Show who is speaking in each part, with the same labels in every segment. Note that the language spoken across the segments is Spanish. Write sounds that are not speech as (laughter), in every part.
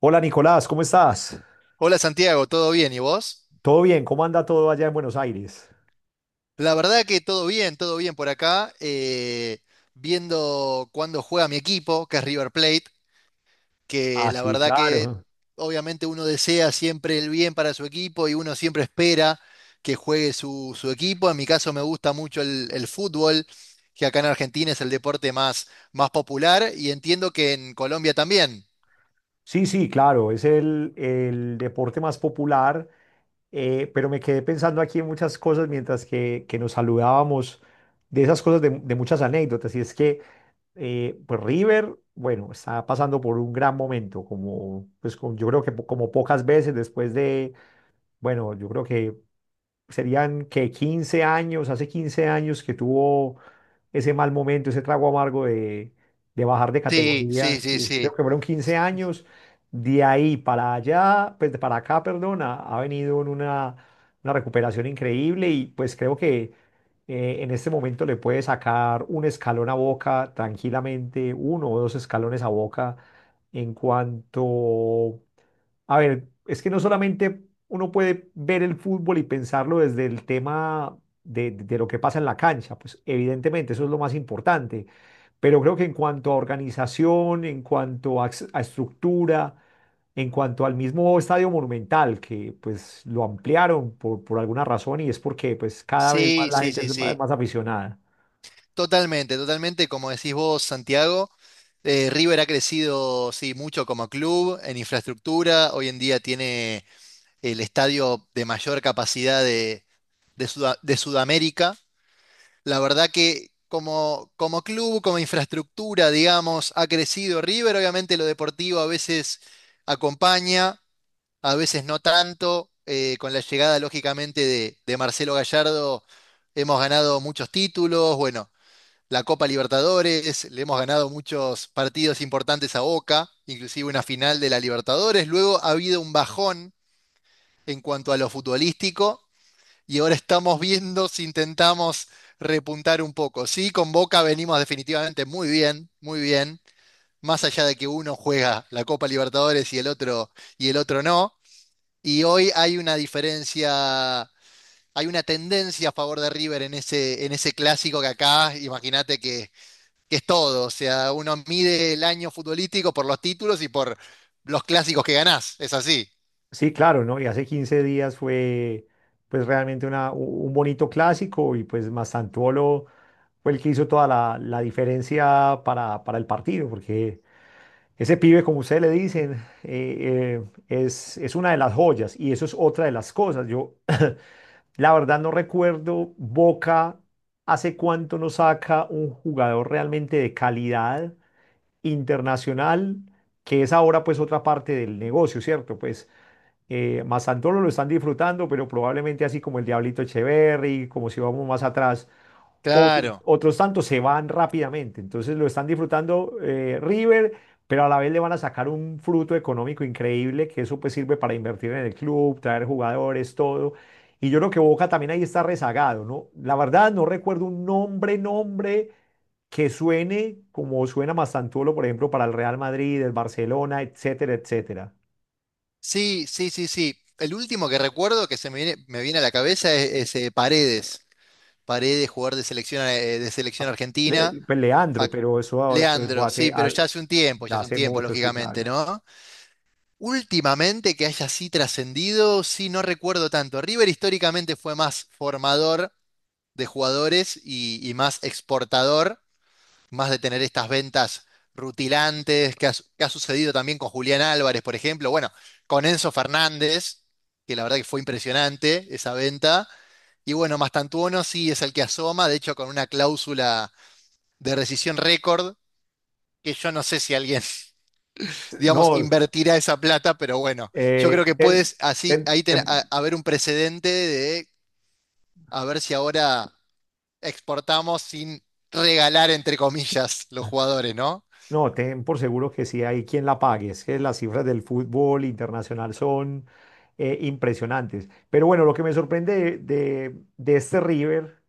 Speaker 1: Hola Nicolás, ¿cómo estás?
Speaker 2: Hola Santiago, ¿todo bien? ¿Y vos?
Speaker 1: ¿Todo bien? ¿Cómo anda todo allá en Buenos Aires?
Speaker 2: La verdad que todo bien por acá. Viendo cuándo juega mi equipo, que es River Plate, que
Speaker 1: Ah,
Speaker 2: la
Speaker 1: sí,
Speaker 2: verdad que
Speaker 1: claro.
Speaker 2: obviamente uno desea siempre el bien para su equipo y uno siempre espera que juegue su equipo. En mi caso me gusta mucho el fútbol, que acá en Argentina es el deporte más popular y entiendo que en Colombia también.
Speaker 1: Sí, sí, claro, es el deporte más popular, pero me quedé pensando aquí en muchas cosas mientras que nos saludábamos de esas cosas, de muchas anécdotas, y es que pues River, bueno, está pasando por un gran momento, como, pues, yo creo que como pocas veces después de, bueno, yo creo que serían que 15 años, hace 15 años que tuvo ese mal momento, ese trago amargo de bajar de
Speaker 2: Sí, sí,
Speaker 1: categoría.
Speaker 2: sí,
Speaker 1: Creo
Speaker 2: sí.
Speaker 1: que fueron 15 años. De ahí para allá, pues de para acá, perdón, ha venido en una recuperación increíble y pues creo que en este momento le puede sacar un escalón a Boca tranquilamente, uno o dos escalones a Boca en cuanto a ver, es que no solamente uno puede ver el fútbol y pensarlo desde el tema de lo que pasa en la cancha, pues evidentemente eso es lo más importante, pero creo que en cuanto a organización, en cuanto a, a estructura, en cuanto al mismo estadio Monumental, que pues lo ampliaron por alguna razón y es porque pues cada vez más
Speaker 2: Sí,
Speaker 1: la
Speaker 2: sí,
Speaker 1: gente es
Speaker 2: sí,
Speaker 1: más
Speaker 2: sí.
Speaker 1: más aficionada.
Speaker 2: Totalmente, totalmente, como decís vos, Santiago, River ha crecido, sí, mucho como club, en infraestructura, hoy en día tiene el estadio de mayor capacidad de de Sudamérica. La verdad que como club, como infraestructura, digamos, ha crecido River, obviamente lo deportivo a veces acompaña, a veces no tanto, con la llegada, lógicamente, de Marcelo Gallardo hemos ganado muchos títulos, bueno, la Copa Libertadores, le hemos ganado muchos partidos importantes a Boca, inclusive una final de la Libertadores. Luego ha habido un bajón en cuanto a lo futbolístico y ahora estamos viendo si intentamos repuntar un poco. Sí, con Boca venimos definitivamente muy bien, más allá de que uno juega la Copa Libertadores y el otro no. Y hoy hay una diferencia, hay una tendencia a favor de River en ese clásico que acá, imagínate que es todo. O sea, uno mide el año futbolístico por los títulos y por los clásicos que ganás. Es así.
Speaker 1: Sí, claro, ¿no? Y hace 15 días fue pues realmente un bonito clásico y pues Mastantuono fue el que hizo toda la diferencia para el partido, porque ese pibe, como ustedes le dicen, eh, eh, es una de las joyas y eso es otra de las cosas. Yo (laughs) (clears throat) la verdad no recuerdo Boca hace cuánto no saca un jugador realmente de calidad internacional, que es ahora pues otra parte del negocio, ¿cierto? Pues Mazandolo lo están disfrutando, pero probablemente así como el Diablito Echeverry, como si vamos más atrás, otros,
Speaker 2: Claro.
Speaker 1: otros tantos se van rápidamente. Entonces lo están disfrutando River, pero a la vez le van a sacar un fruto económico increíble, que eso pues sirve para invertir en el club, traer jugadores, todo. Y yo creo que Boca también ahí está rezagado, ¿no? La verdad no recuerdo un nombre que suene como suena Mazandolo, por ejemplo, para el Real Madrid, el Barcelona, etcétera, etcétera.
Speaker 2: Sí, sí, sí, sí. El último que recuerdo que se me viene a la cabeza es Paredes. Paredes, jugador de selección
Speaker 1: Le-
Speaker 2: argentina.
Speaker 1: pues,
Speaker 2: A-
Speaker 1: Leandro, pero eso ah, pues,
Speaker 2: Leandro, sí, pero ya hace un tiempo, ya
Speaker 1: ya
Speaker 2: hace un
Speaker 1: hace
Speaker 2: tiempo,
Speaker 1: mucho, sí,
Speaker 2: lógicamente,
Speaker 1: claro.
Speaker 2: ¿no? Últimamente que haya así trascendido, sí, no recuerdo tanto. River históricamente fue más formador de jugadores y más exportador. Más de tener estas ventas rutilantes que que ha sucedido también con Julián Álvarez, por ejemplo, bueno, con Enzo Fernández, que la verdad que fue impresionante esa venta. Y bueno, Mastantuono sí es el que asoma, de hecho con una cláusula de rescisión récord, que yo no sé si alguien, (laughs) digamos,
Speaker 1: No,
Speaker 2: invertirá esa plata, pero bueno, yo
Speaker 1: eh,
Speaker 2: creo que
Speaker 1: ten-
Speaker 2: puedes así,
Speaker 1: ten-
Speaker 2: ahí
Speaker 1: ten-
Speaker 2: haber un precedente de a ver si ahora exportamos sin regalar, entre comillas, los jugadores, ¿no?
Speaker 1: no, ten por seguro que sí hay quien la pague. Es que las cifras del fútbol internacional son impresionantes. Pero bueno, lo que me sorprende de, de este River.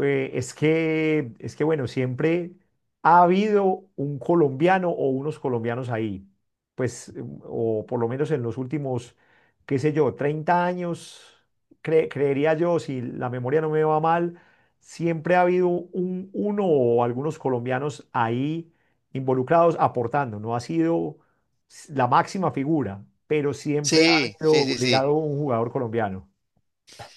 Speaker 1: Es que, bueno, siempre ha habido un colombiano o unos colombianos ahí, pues, o por lo menos en los últimos, qué sé yo, 30 años, creería yo, si la memoria no me va mal, siempre ha habido uno o algunos colombianos ahí involucrados aportando, no ha sido la máxima figura, pero siempre ha
Speaker 2: Sí, sí,
Speaker 1: habido
Speaker 2: sí, sí.
Speaker 1: ligado un jugador colombiano.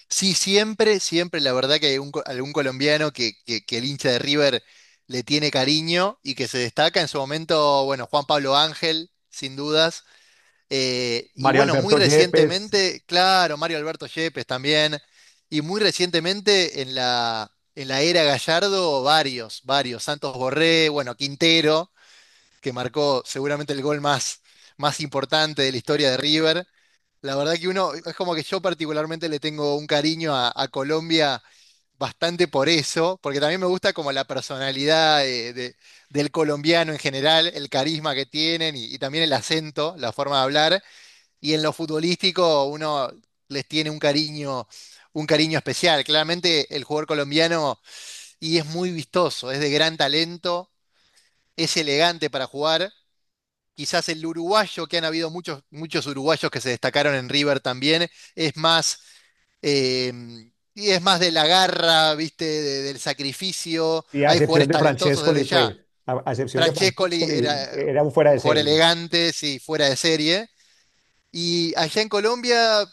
Speaker 2: Sí, siempre, siempre, la verdad que hay un algún colombiano que el hincha de River le tiene cariño y que se destaca en su momento, bueno, Juan Pablo Ángel, sin dudas. Y
Speaker 1: Mario
Speaker 2: bueno, muy
Speaker 1: Alberto Yepes.
Speaker 2: recientemente, claro, Mario Alberto Yepes también. Y muy recientemente en en la era Gallardo, varios. Santos Borré, bueno, Quintero que marcó seguramente el gol más importante de la historia de River. La verdad que uno, es como que yo particularmente le tengo un cariño a Colombia bastante por eso, porque también me gusta como la personalidad del colombiano en general, el carisma que tienen y también el acento, la forma de hablar. Y en lo futbolístico uno les tiene un cariño especial. Claramente el jugador colombiano y es muy vistoso, es de gran talento, es elegante para jugar quizás el uruguayo, que han habido muchos, muchos uruguayos que se destacaron en River también, es más, eh, y es más de la garra, ¿viste? Del sacrificio.
Speaker 1: Y a
Speaker 2: Hay
Speaker 1: excepción
Speaker 2: jugadores
Speaker 1: de
Speaker 2: talentosos
Speaker 1: Francescoli,
Speaker 2: desde
Speaker 1: pues,
Speaker 2: ya.
Speaker 1: a excepción de
Speaker 2: Francescoli
Speaker 1: Francescoli,
Speaker 2: era
Speaker 1: era un fuera
Speaker 2: un
Speaker 1: de
Speaker 2: jugador
Speaker 1: serie.
Speaker 2: elegante, sí, fuera de serie. Y allá en Colombia,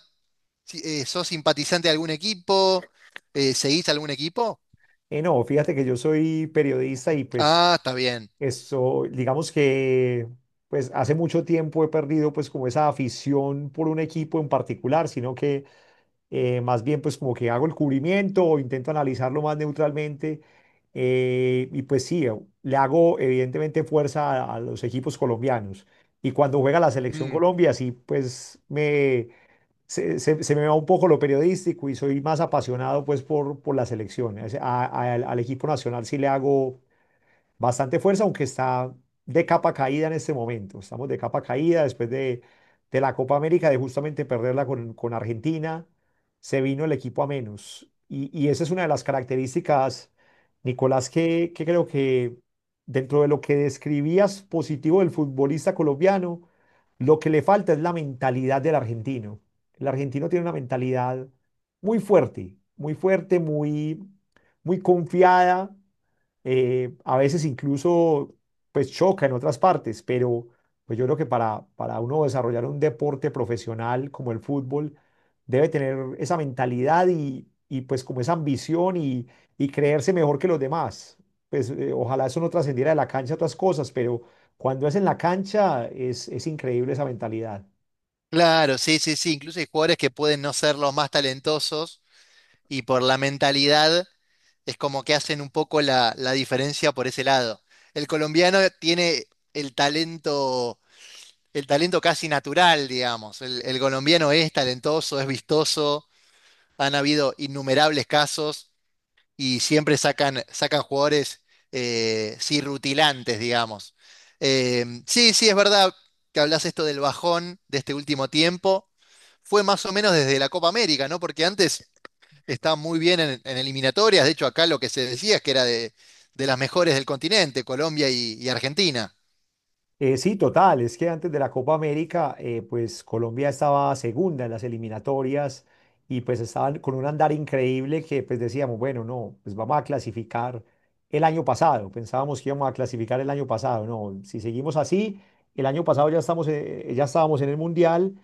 Speaker 2: ¿sos simpatizante de algún equipo? ¿Seguís algún equipo?
Speaker 1: Y no, fíjate que yo soy periodista y pues
Speaker 2: Ah, está bien.
Speaker 1: eso, digamos que pues hace mucho tiempo he perdido pues como esa afición por un equipo en particular, sino que más bien pues como que hago el cubrimiento o intento analizarlo más neutralmente. Y pues sí, le hago evidentemente fuerza a los equipos colombianos. Y cuando juega la selección
Speaker 2: Mm,
Speaker 1: Colombia, sí, pues se me va un poco lo periodístico y soy más apasionado pues por la selección. Al equipo nacional sí le hago bastante fuerza, aunque está de capa caída en este momento. Estamos de capa caída después de la Copa América, de justamente perderla con Argentina. Se vino el equipo a menos. Y esa es una de las características, Nicolás, que creo que dentro de lo que describías positivo del futbolista colombiano, lo que le falta es la mentalidad del argentino. El argentino tiene una mentalidad muy fuerte, muy fuerte, muy, muy confiada, a veces incluso pues choca en otras partes, pero pues yo creo que para uno desarrollar un deporte profesional como el fútbol, debe tener esa mentalidad y pues como esa ambición y creerse mejor que los demás. Pues ojalá eso no trascendiera de la cancha a otras cosas, pero cuando es en la cancha es increíble esa mentalidad.
Speaker 2: claro, sí, sí, sí. Incluso hay jugadores que pueden no ser los más talentosos y por la mentalidad es como que hacen un poco la diferencia por ese lado. El colombiano tiene el talento, el talento casi natural, digamos. El colombiano es talentoso, es vistoso, han habido innumerables casos y siempre sacan, sacan jugadores sí, rutilantes, digamos. Sí, sí, es verdad que hablas esto del bajón de este último tiempo. Fue más o menos desde la Copa América, ¿no? Porque antes está muy bien en eliminatorias. De hecho, acá lo que se decía es que era de las mejores del continente, Colombia y Argentina.
Speaker 1: Sí, total. Es que antes de la Copa América, pues Colombia estaba segunda en las eliminatorias y pues estaban con un andar increíble que pues decíamos, bueno, no, pues vamos a clasificar el año pasado. Pensábamos que íbamos a clasificar el año pasado. No, si seguimos así, el año pasado ya estamos, ya estábamos en el Mundial,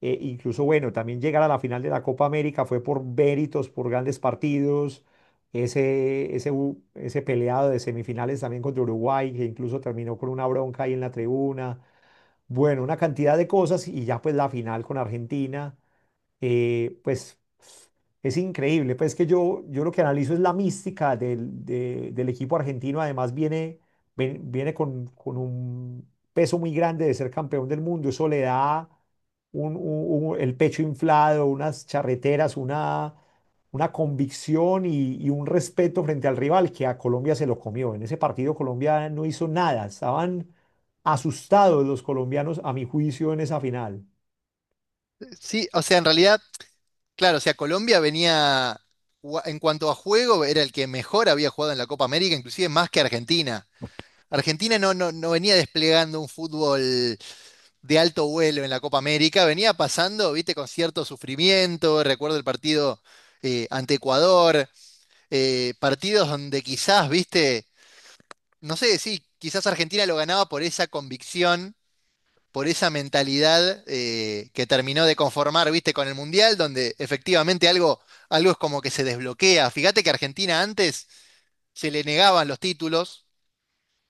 Speaker 1: incluso, bueno, también llegar a la final de la Copa América fue por méritos, por grandes partidos. Ese peleado de semifinales también contra Uruguay, que incluso terminó con una bronca ahí en la tribuna. Bueno, una cantidad de cosas y ya pues la final con Argentina pues es increíble. Pues que yo lo que analizo es la mística del equipo argentino. Además viene con un peso muy grande de ser campeón del mundo. Eso le da el pecho inflado, unas charreteras, una convicción y un respeto frente al rival que a Colombia se lo comió. En ese partido Colombia no hizo nada. Estaban asustados los colombianos, a mi juicio, en esa final.
Speaker 2: Sí, o sea, en realidad, claro, o sea, Colombia venía, en cuanto a juego, era el que mejor había jugado en la Copa América, inclusive más que Argentina. Argentina no venía desplegando un fútbol de alto vuelo en la Copa América, venía pasando, viste, con cierto sufrimiento. Recuerdo el partido ante Ecuador, partidos donde quizás, viste no sé, sí, quizás Argentina lo ganaba por esa convicción, por esa mentalidad que terminó de conformar, viste, con el Mundial, donde efectivamente algo, algo es como que se desbloquea. Fíjate que Argentina antes se le negaban los títulos,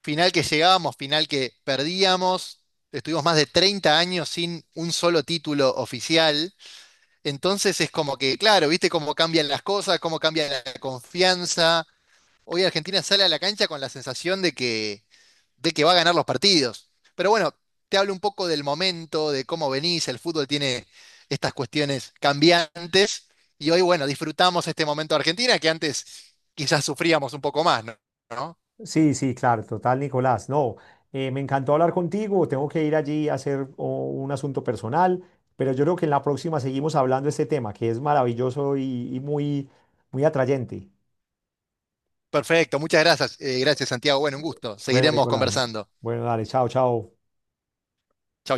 Speaker 2: final que llegábamos, final que perdíamos. Estuvimos más de 30 años sin un solo título oficial. Entonces es como que, claro, viste cómo cambian las cosas, cómo cambia la confianza, hoy Argentina sale a la cancha con la sensación de que va a ganar los partidos. Pero bueno, te hablo un poco del momento, de cómo venís, el fútbol tiene estas cuestiones cambiantes y hoy, bueno, disfrutamos este momento de Argentina que antes quizás sufríamos un poco más, ¿no? ¿No?
Speaker 1: Sí, sí, claro, total, Nicolás. No, me encantó hablar contigo. Tengo que ir allí a hacer un asunto personal, pero yo creo que en la próxima seguimos hablando de este tema, que es maravilloso y muy, muy atrayente.
Speaker 2: Perfecto, muchas gracias. Gracias, Santiago. Bueno, un gusto.
Speaker 1: Bueno,
Speaker 2: Seguiremos
Speaker 1: Nicolás.
Speaker 2: conversando.
Speaker 1: Bueno, dale, chao, chao.
Speaker 2: Chau, chau.